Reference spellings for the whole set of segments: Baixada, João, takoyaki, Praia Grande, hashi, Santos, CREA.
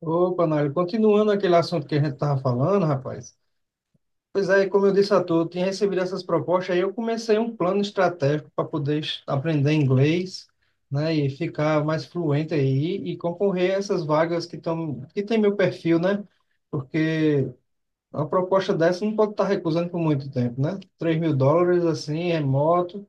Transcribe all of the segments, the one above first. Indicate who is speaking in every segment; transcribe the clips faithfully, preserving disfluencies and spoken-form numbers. Speaker 1: Opa, Nário, continuando aquele assunto que a gente estava falando, rapaz. Pois é, como eu disse a tu, eu tinha recebido essas propostas, aí eu comecei um plano estratégico para poder es- aprender inglês, né, e ficar mais fluente aí e concorrer a essas vagas que estão, que tem meu perfil, né? Porque uma proposta dessa não pode estar recusando por muito tempo, né? Três mil dólares, assim, remoto.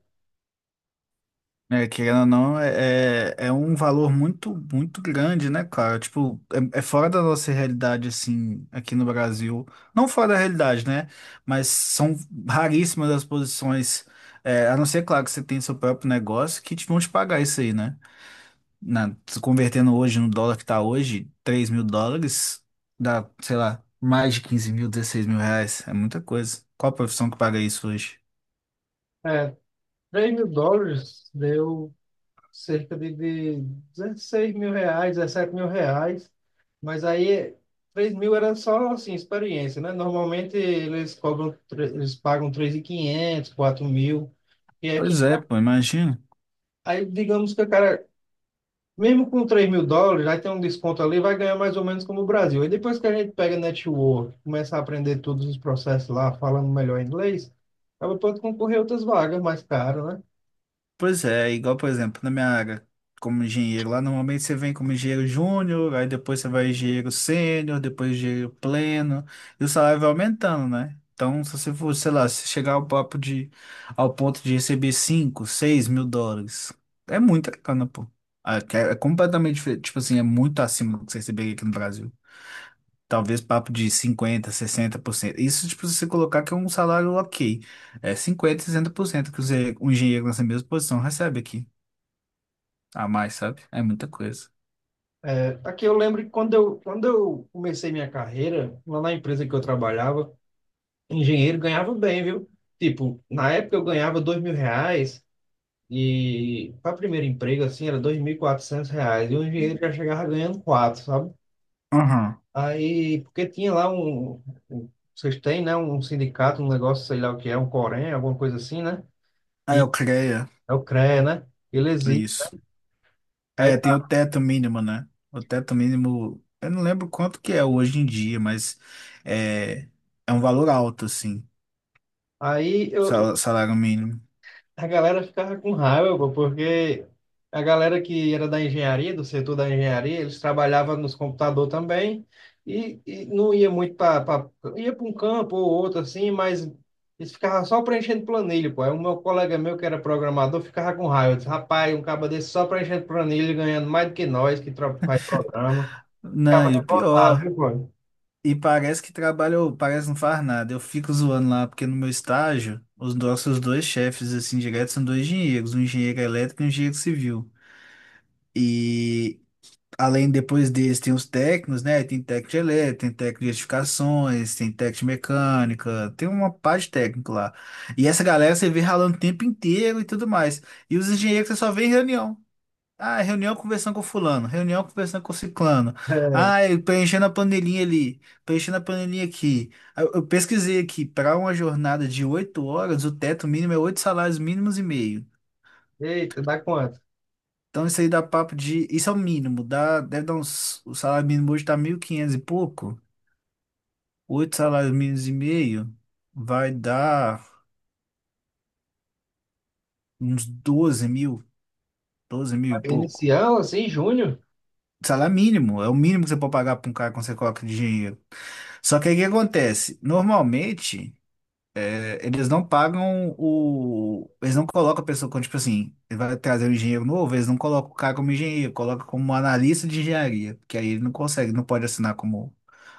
Speaker 2: É, querendo ou não, é, é é um valor muito, muito grande, né, cara? Tipo, é, é fora da nossa realidade, assim, aqui no Brasil. Não fora da realidade, né? Mas são raríssimas as posições, é, a não ser, claro, que você tem seu próprio negócio, que te vão te pagar isso aí, né? Na, se convertendo hoje no dólar que tá hoje, três mil dólares, dá, sei lá, mais de quinze mil, dezesseis mil reais. É muita coisa. Qual a profissão que paga isso hoje?
Speaker 1: É, três mil dólares deu cerca de, de 16 mil reais, 17 mil reais, mas aí três mil era só assim, experiência, né? Normalmente eles cobram, tre- eles pagam três mil e quinhentos, quatro mil, e é que-
Speaker 2: Pois é, pô, imagina.
Speaker 1: aí digamos que o cara, mesmo com três mil dólares, aí tem um desconto ali, vai ganhar mais ou menos como o Brasil. Aí depois que a gente pega network, começa a aprender todos os processos lá, falando melhor inglês, aí pode concorrer a outras vagas mais caras, né?
Speaker 2: Pois é, igual, por exemplo, na minha área como engenheiro, lá normalmente você vem como engenheiro júnior, aí depois você vai engenheiro sênior, depois engenheiro pleno, e o salário vai aumentando, né? Então, se você for, sei lá, se chegar ao papo de, ao ponto de receber cinco, seis mil dólares, é muita grana, pô. Ah, que É é completamente diferente, tipo assim, é muito acima do que você receberia aqui no Brasil, talvez papo de cinquenta, sessenta por cento. Isso, tipo, se você colocar que é um salário ok. É cinquenta, sessenta por cento que você- um engenheiro nessa mesma posição recebe aqui. A mais, sabe? É muita coisa.
Speaker 1: É, aqui eu lembro que quando eu, quando eu comecei minha carreira, lá na empresa que eu trabalhava, engenheiro ganhava bem, viu? Tipo, na época eu ganhava dois mil reais e para primeiro emprego, assim, era dois mil e quatrocentos reais. E o engenheiro já chegava ganhando quatro, sabe?
Speaker 2: Aham.
Speaker 1: Aí, porque tinha lá um, um- vocês têm, né, um sindicato, um negócio, sei lá o que é, um Corém, alguma coisa assim, né?
Speaker 2: Ah, é o CREA.
Speaker 1: É o CREA, né? Ele existe.
Speaker 2: Isso.
Speaker 1: Aí,
Speaker 2: É, tem o teto mínimo, né? O teto mínimo, eu não lembro quanto que é hoje em dia, mas é, é um valor alto, assim,
Speaker 1: aí
Speaker 2: o
Speaker 1: eu,
Speaker 2: sal- salário mínimo.
Speaker 1: a galera ficava com raiva, pô, porque a galera que era da engenharia, do setor da engenharia, eles trabalhavam nos computadores também e, e não ia muito para... Ia para um campo ou outro, assim, mas eles ficavam só preenchendo planilha, pô. Aí o meu colega meu, que era programador, ficava com raiva. Eu disse, rapaz, um cabo desse só preenchendo planilha, ganhando mais do que nós, que tro- faz programa.
Speaker 2: Não,
Speaker 1: Ficava
Speaker 2: e o
Speaker 1: revoltado,
Speaker 2: pior,
Speaker 1: viu, pô?
Speaker 2: e parece que trabalho, parece não faz nada. Eu fico zoando lá, porque no meu estágio, os nossos dois chefes, assim, direto, são dois engenheiros, um engenheiro elétrico e um engenheiro civil. E, além, depois deles, tem os técnicos, né? Tem técnico de elétrica, tem técnico de edificações, tem técnico de mecânica, tem uma parte de técnico lá. E essa galera você vê ralando o tempo inteiro e tudo mais. E os engenheiros você só vê em reunião. Ah, reunião conversando com fulano, reunião conversando com ciclano.
Speaker 1: É.
Speaker 2: Ah, eu preenchendo a panelinha ali, preenchendo a panelinha aqui. Ah, Eu, eu pesquisei aqui, para uma jornada de oito horas, o teto mínimo é oito salários mínimos e meio.
Speaker 1: Eita, dá quanto?
Speaker 2: Então isso aí dá papo de, isso é o mínimo, dá, deve dar uns, o salário mínimo hoje tá mil e quinhentos e quinhentos e pouco. Oito salários mínimos e meio vai dar uns doze mil, doze mil e pouco.
Speaker 1: Inicial, assim, junho?
Speaker 2: Salário mínimo, é o mínimo que você pode pagar para um cara quando você coloca de dinheiro. Só que aí o que acontece? Normalmente, eh, eles não pagam o. Eles não colocam a pessoa como, tipo assim, ele vai trazer um engenheiro novo, eles não colocam o cara como engenheiro, colocam como analista de engenharia, porque aí ele não consegue, não pode assinar como.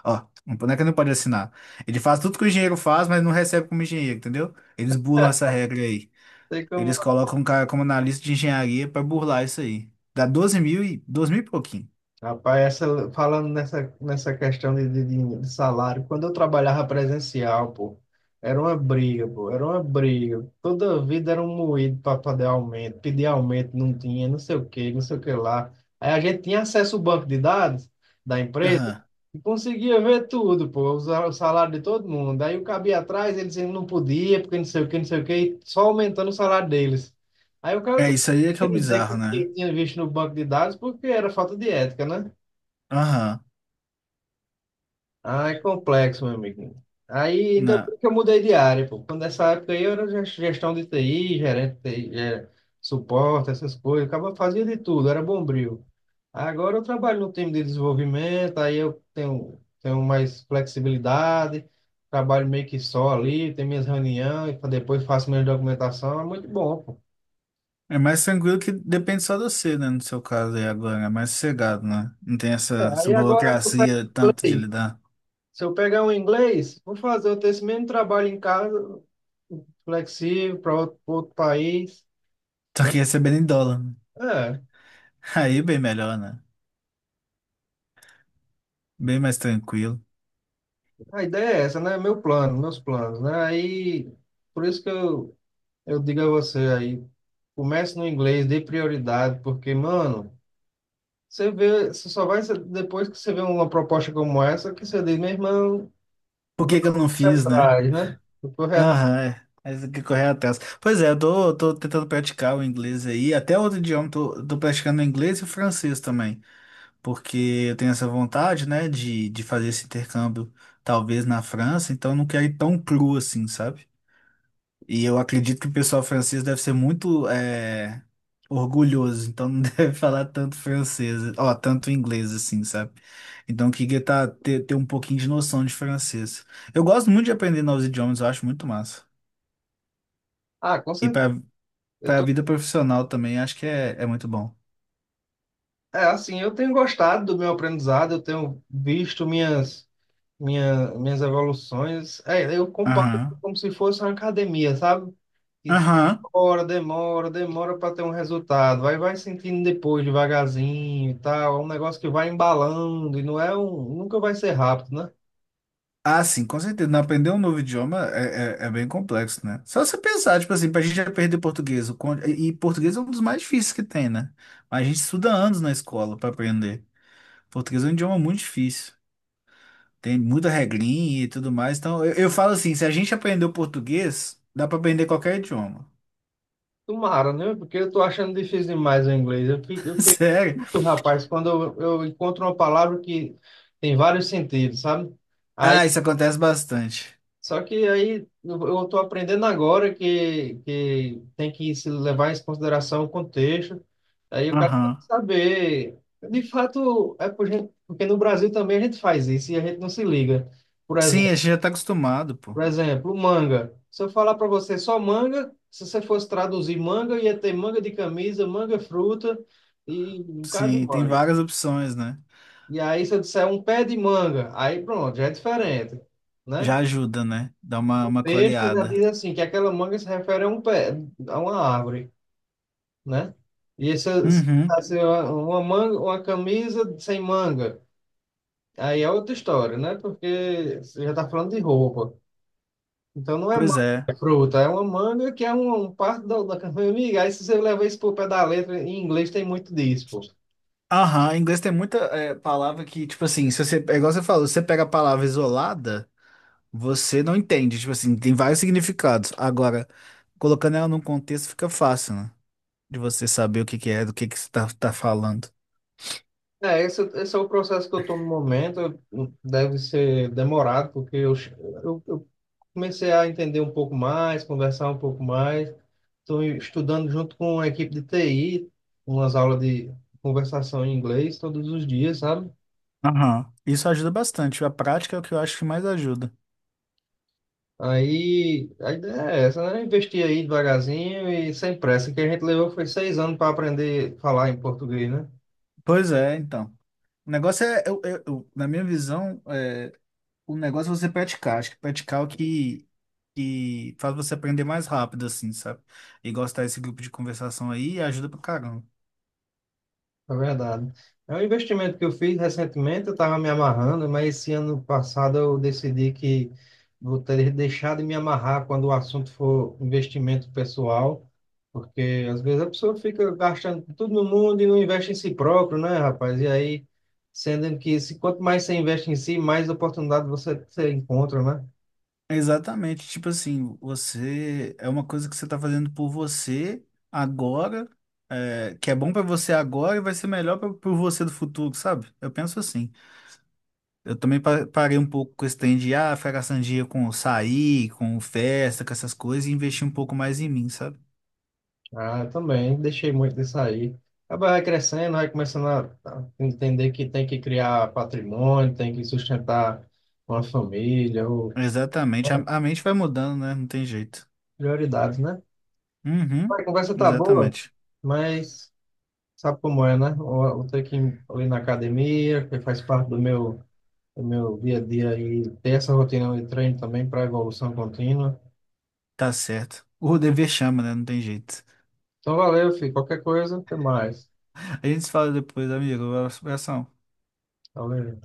Speaker 2: Ó, não não é que ele não pode assinar. Ele faz tudo que o engenheiro faz, mas não recebe como engenheiro, entendeu? Eles burlam essa regra aí.
Speaker 1: Sei como.
Speaker 2: Eles colocam um cara como analista de engenharia para burlar isso aí. Dá doze mil e doze mil e pouquinho.
Speaker 1: Rapaz, essa, falando nessa, nessa questão de, de, de- de salário, quando eu trabalhava presencial, pô, era uma briga, pô, era uma briga. Toda vida era um moído para poder aumento, pedir aumento, não tinha, não sei o que, não sei o que lá. Aí a gente tinha acesso ao banco de dados da empresa
Speaker 2: Aham.
Speaker 1: e conseguia ver tudo, pô, o sa- o salário de todo mundo. Aí o cabia atrás, eles dizendo não podia, porque não sei o que, não sei o que, e só aumentando o salário deles. Aí o cara
Speaker 2: É, isso aí é que é o
Speaker 1: queria dizer
Speaker 2: bizarro,
Speaker 1: que
Speaker 2: né?
Speaker 1: tinha visto no banco de dados porque era falta de ética, né?
Speaker 2: Aham.
Speaker 1: Ah, é complexo, meu amigo. Aí, ainda
Speaker 2: Né?
Speaker 1: bem que eu mudei de área, pô. Quando nessa época aí, eu era ges- gestão de T I, gerente de T I, é, suporte, essas coisas. Acaba fazia de tudo, era bombril. Agora eu trabalho no time de desenvolvimento, aí eu tenho, tenho mais flexibilidade, trabalho meio que só ali, tenho minhas reuniões, pra depois faço minha documentação, é muito bom, pô.
Speaker 2: É mais tranquilo, que depende só de você, né? No seu caso aí agora. É mais sossegado, né? Não tem essa,
Speaker 1: É,
Speaker 2: essa
Speaker 1: aí agora, se eu pegar
Speaker 2: burocracia tanto de
Speaker 1: inglês,
Speaker 2: lidar.
Speaker 1: se eu pegar um inglês, vou fazer eu ter esse mesmo trabalho em casa, flexível para outro, pra outro país,
Speaker 2: Só
Speaker 1: né?
Speaker 2: que recebendo em dólar, né?
Speaker 1: É,
Speaker 2: Aí é bem melhor, né? Bem mais tranquilo.
Speaker 1: a ideia é essa, né? Meu plano, meus planos, né? Aí, por isso que eu, eu digo a você aí, comece no inglês, dê prioridade, porque, mano, você vê, você só vai, se- depois que você vê uma proposta como essa, que você diz, meu irmão,
Speaker 2: Por
Speaker 1: agora
Speaker 2: que que
Speaker 1: eu
Speaker 2: eu
Speaker 1: vou
Speaker 2: não
Speaker 1: correr
Speaker 2: fiz, né?
Speaker 1: atrás, né? Eu Vou correr at-
Speaker 2: Aham, é. Aí tem que correr atrás. Pois é, eu tô, tô tentando praticar o inglês aí. Até outro idioma, tô, tô praticando inglês e francês também, porque eu tenho essa vontade, né, de, de fazer esse intercâmbio, talvez na França, então eu não quero ir tão cru assim, sabe? E eu acredito que o pessoal francês deve ser muito eh, orgulhoso, então não deve falar tanto francês, ó, tanto inglês assim, sabe? Então eu queria tá, ter, ter um pouquinho de noção de francês. Eu gosto muito de aprender novos idiomas, eu acho muito massa.
Speaker 1: Ah, com
Speaker 2: E
Speaker 1: certeza.
Speaker 2: para
Speaker 1: Eu
Speaker 2: para a
Speaker 1: tô,
Speaker 2: vida profissional também, acho que é, é muito bom.
Speaker 1: é assim, eu tenho gostado do meu aprendizado, eu tenho visto minhas minha, minhas evoluções. É, eu comparo
Speaker 2: Aham.
Speaker 1: como se fosse uma academia, sabe? Que se
Speaker 2: Aham.
Speaker 1: demora, demora, demora para ter um resultado. Aí vai sentindo depois, devagarzinho e tal. É um negócio que vai embalando e não é um, nunca vai ser rápido, né?
Speaker 2: Ah, sim, com certeza. Não, aprender um novo idioma é, é, é bem complexo, né? Só você pensar, tipo assim, pra gente aprender português. O quan- E e português é um dos mais difíceis que tem, né? Mas a gente estuda anos na escola pra aprender. Português é um idioma muito difícil. Tem muita regrinha e tudo mais. Então, eu, eu falo assim, se a gente aprender o português, dá pra aprender qualquer idioma.
Speaker 1: Tomara, né? Porque eu tô achando difícil demais o inglês. Eu fico, eu fico
Speaker 2: Sério?
Speaker 1: muito, rapaz, quando eu, eu encontro uma palavra que tem vários sentidos, sabe?
Speaker 2: Ah, isso acontece bastante.
Speaker 1: Só que aí eu eu tô aprendendo agora que, que tem que se levar em consideração o contexto. Aí o cara tem
Speaker 2: Aham.
Speaker 1: que saber. De fato, é por gente- porque no Brasil também a gente faz isso e a gente não se liga. Por
Speaker 2: Sim,
Speaker 1: exemplo,
Speaker 2: a gente já tá acostumado, pô.
Speaker 1: por exemplo, manga. Se eu falar para você só manga, se você fosse traduzir manga, ia ter manga de camisa, manga fruta e um cara de
Speaker 2: Sim, tem
Speaker 1: manga.
Speaker 2: várias opções, né?
Speaker 1: E aí, se eu disser um pé de manga, aí pronto, já é diferente, né?
Speaker 2: Já ajuda, né? Dá uma, uma
Speaker 1: Texto já
Speaker 2: clareada.
Speaker 1: diz assim, que aquela manga se refere a um pé, a uma árvore, né? E essa
Speaker 2: Uhum.
Speaker 1: assim, uma uma manga, uma camisa sem manga, aí é outra história, né? Porque você já está falando de roupa. Então não é
Speaker 2: Pois
Speaker 1: manga,
Speaker 2: é.
Speaker 1: é fruta, é uma manga que é um, um parte da, da camisa. Amiga, aí se você levar isso pro pé da letra, em inglês tem muito disso, pô.
Speaker 2: Aham, em inglês tem muita é, palavra que, tipo assim, se você, é igual você falou, se você pega a palavra isolada, você não entende. Tipo assim, tem vários significados. Agora, colocando ela num contexto fica fácil, né? De você saber o que que é, do que que você tá, tá falando.
Speaker 1: É, esse, esse é o processo que eu estou no momento. eu- Deve ser demorado, porque eu, che- eu, eu comecei a entender um pouco mais, conversar um pouco mais. Estou estudando junto com a equipe de T I, umas aulas de conversação em inglês todos os dias, sabe?
Speaker 2: Aham. Isso ajuda bastante. A prática é o que eu acho que mais ajuda.
Speaker 1: Aí a ideia é essa, né? Investir aí devagarzinho e sem pressa. O que a gente levou foi seis anos para aprender a falar em português, né?
Speaker 2: Pois é, então. O negócio é, eu, eu- eu- na minha visão, é, o negócio é você praticar. Acho que praticar é o que, que faz você aprender mais rápido, assim, sabe? E gostar desse grupo de conversação aí ajuda pra caramba.
Speaker 1: É verdade. É um investimento que eu fiz recentemente, eu estava me amarrando, mas esse ano passado eu decidi que vou ter deixado de me amarrar quando o assunto for investimento pessoal, porque às vezes a pessoa fica gastando tudo no mundo e não investe em si próprio, né, rapaz? E aí, sendo que se, quanto mais você investe em si, mais oportunidade você, você encontra, né?
Speaker 2: Exatamente. Tipo assim, você é uma coisa que você tá fazendo por você agora, é, que é bom pra você agora e vai ser melhor pra, pro você do futuro, sabe? Eu penso assim. Eu também pa- parei um pouco com esse trem de ah, ficar gastando dinheiro com sair, com festa, com essas coisas e investir um pouco mais em mim, sabe?
Speaker 1: Ah, eu também, deixei muito disso aí. Acaba vai crescendo, vai começando a a entender que tem que criar patrimônio, tem que sustentar uma família, ou
Speaker 2: Exatamente. A, a mente vai mudando, né? Não tem jeito.
Speaker 1: prioridades, né?
Speaker 2: Uhum,
Speaker 1: A conversa tá boa,
Speaker 2: exatamente.
Speaker 1: mas sabe como é, né? Eu, eu tenho que ir ali na academia, que faz parte do meu, do meu dia a dia, e ter essa rotina de treino também para evolução contínua.
Speaker 2: Tá certo. O dever chama, né? Não tem jeito.
Speaker 1: Então, valeu, filho. Qualquer coisa, até mais.
Speaker 2: A gente se fala depois, amigo. Um abração.
Speaker 1: Valeu.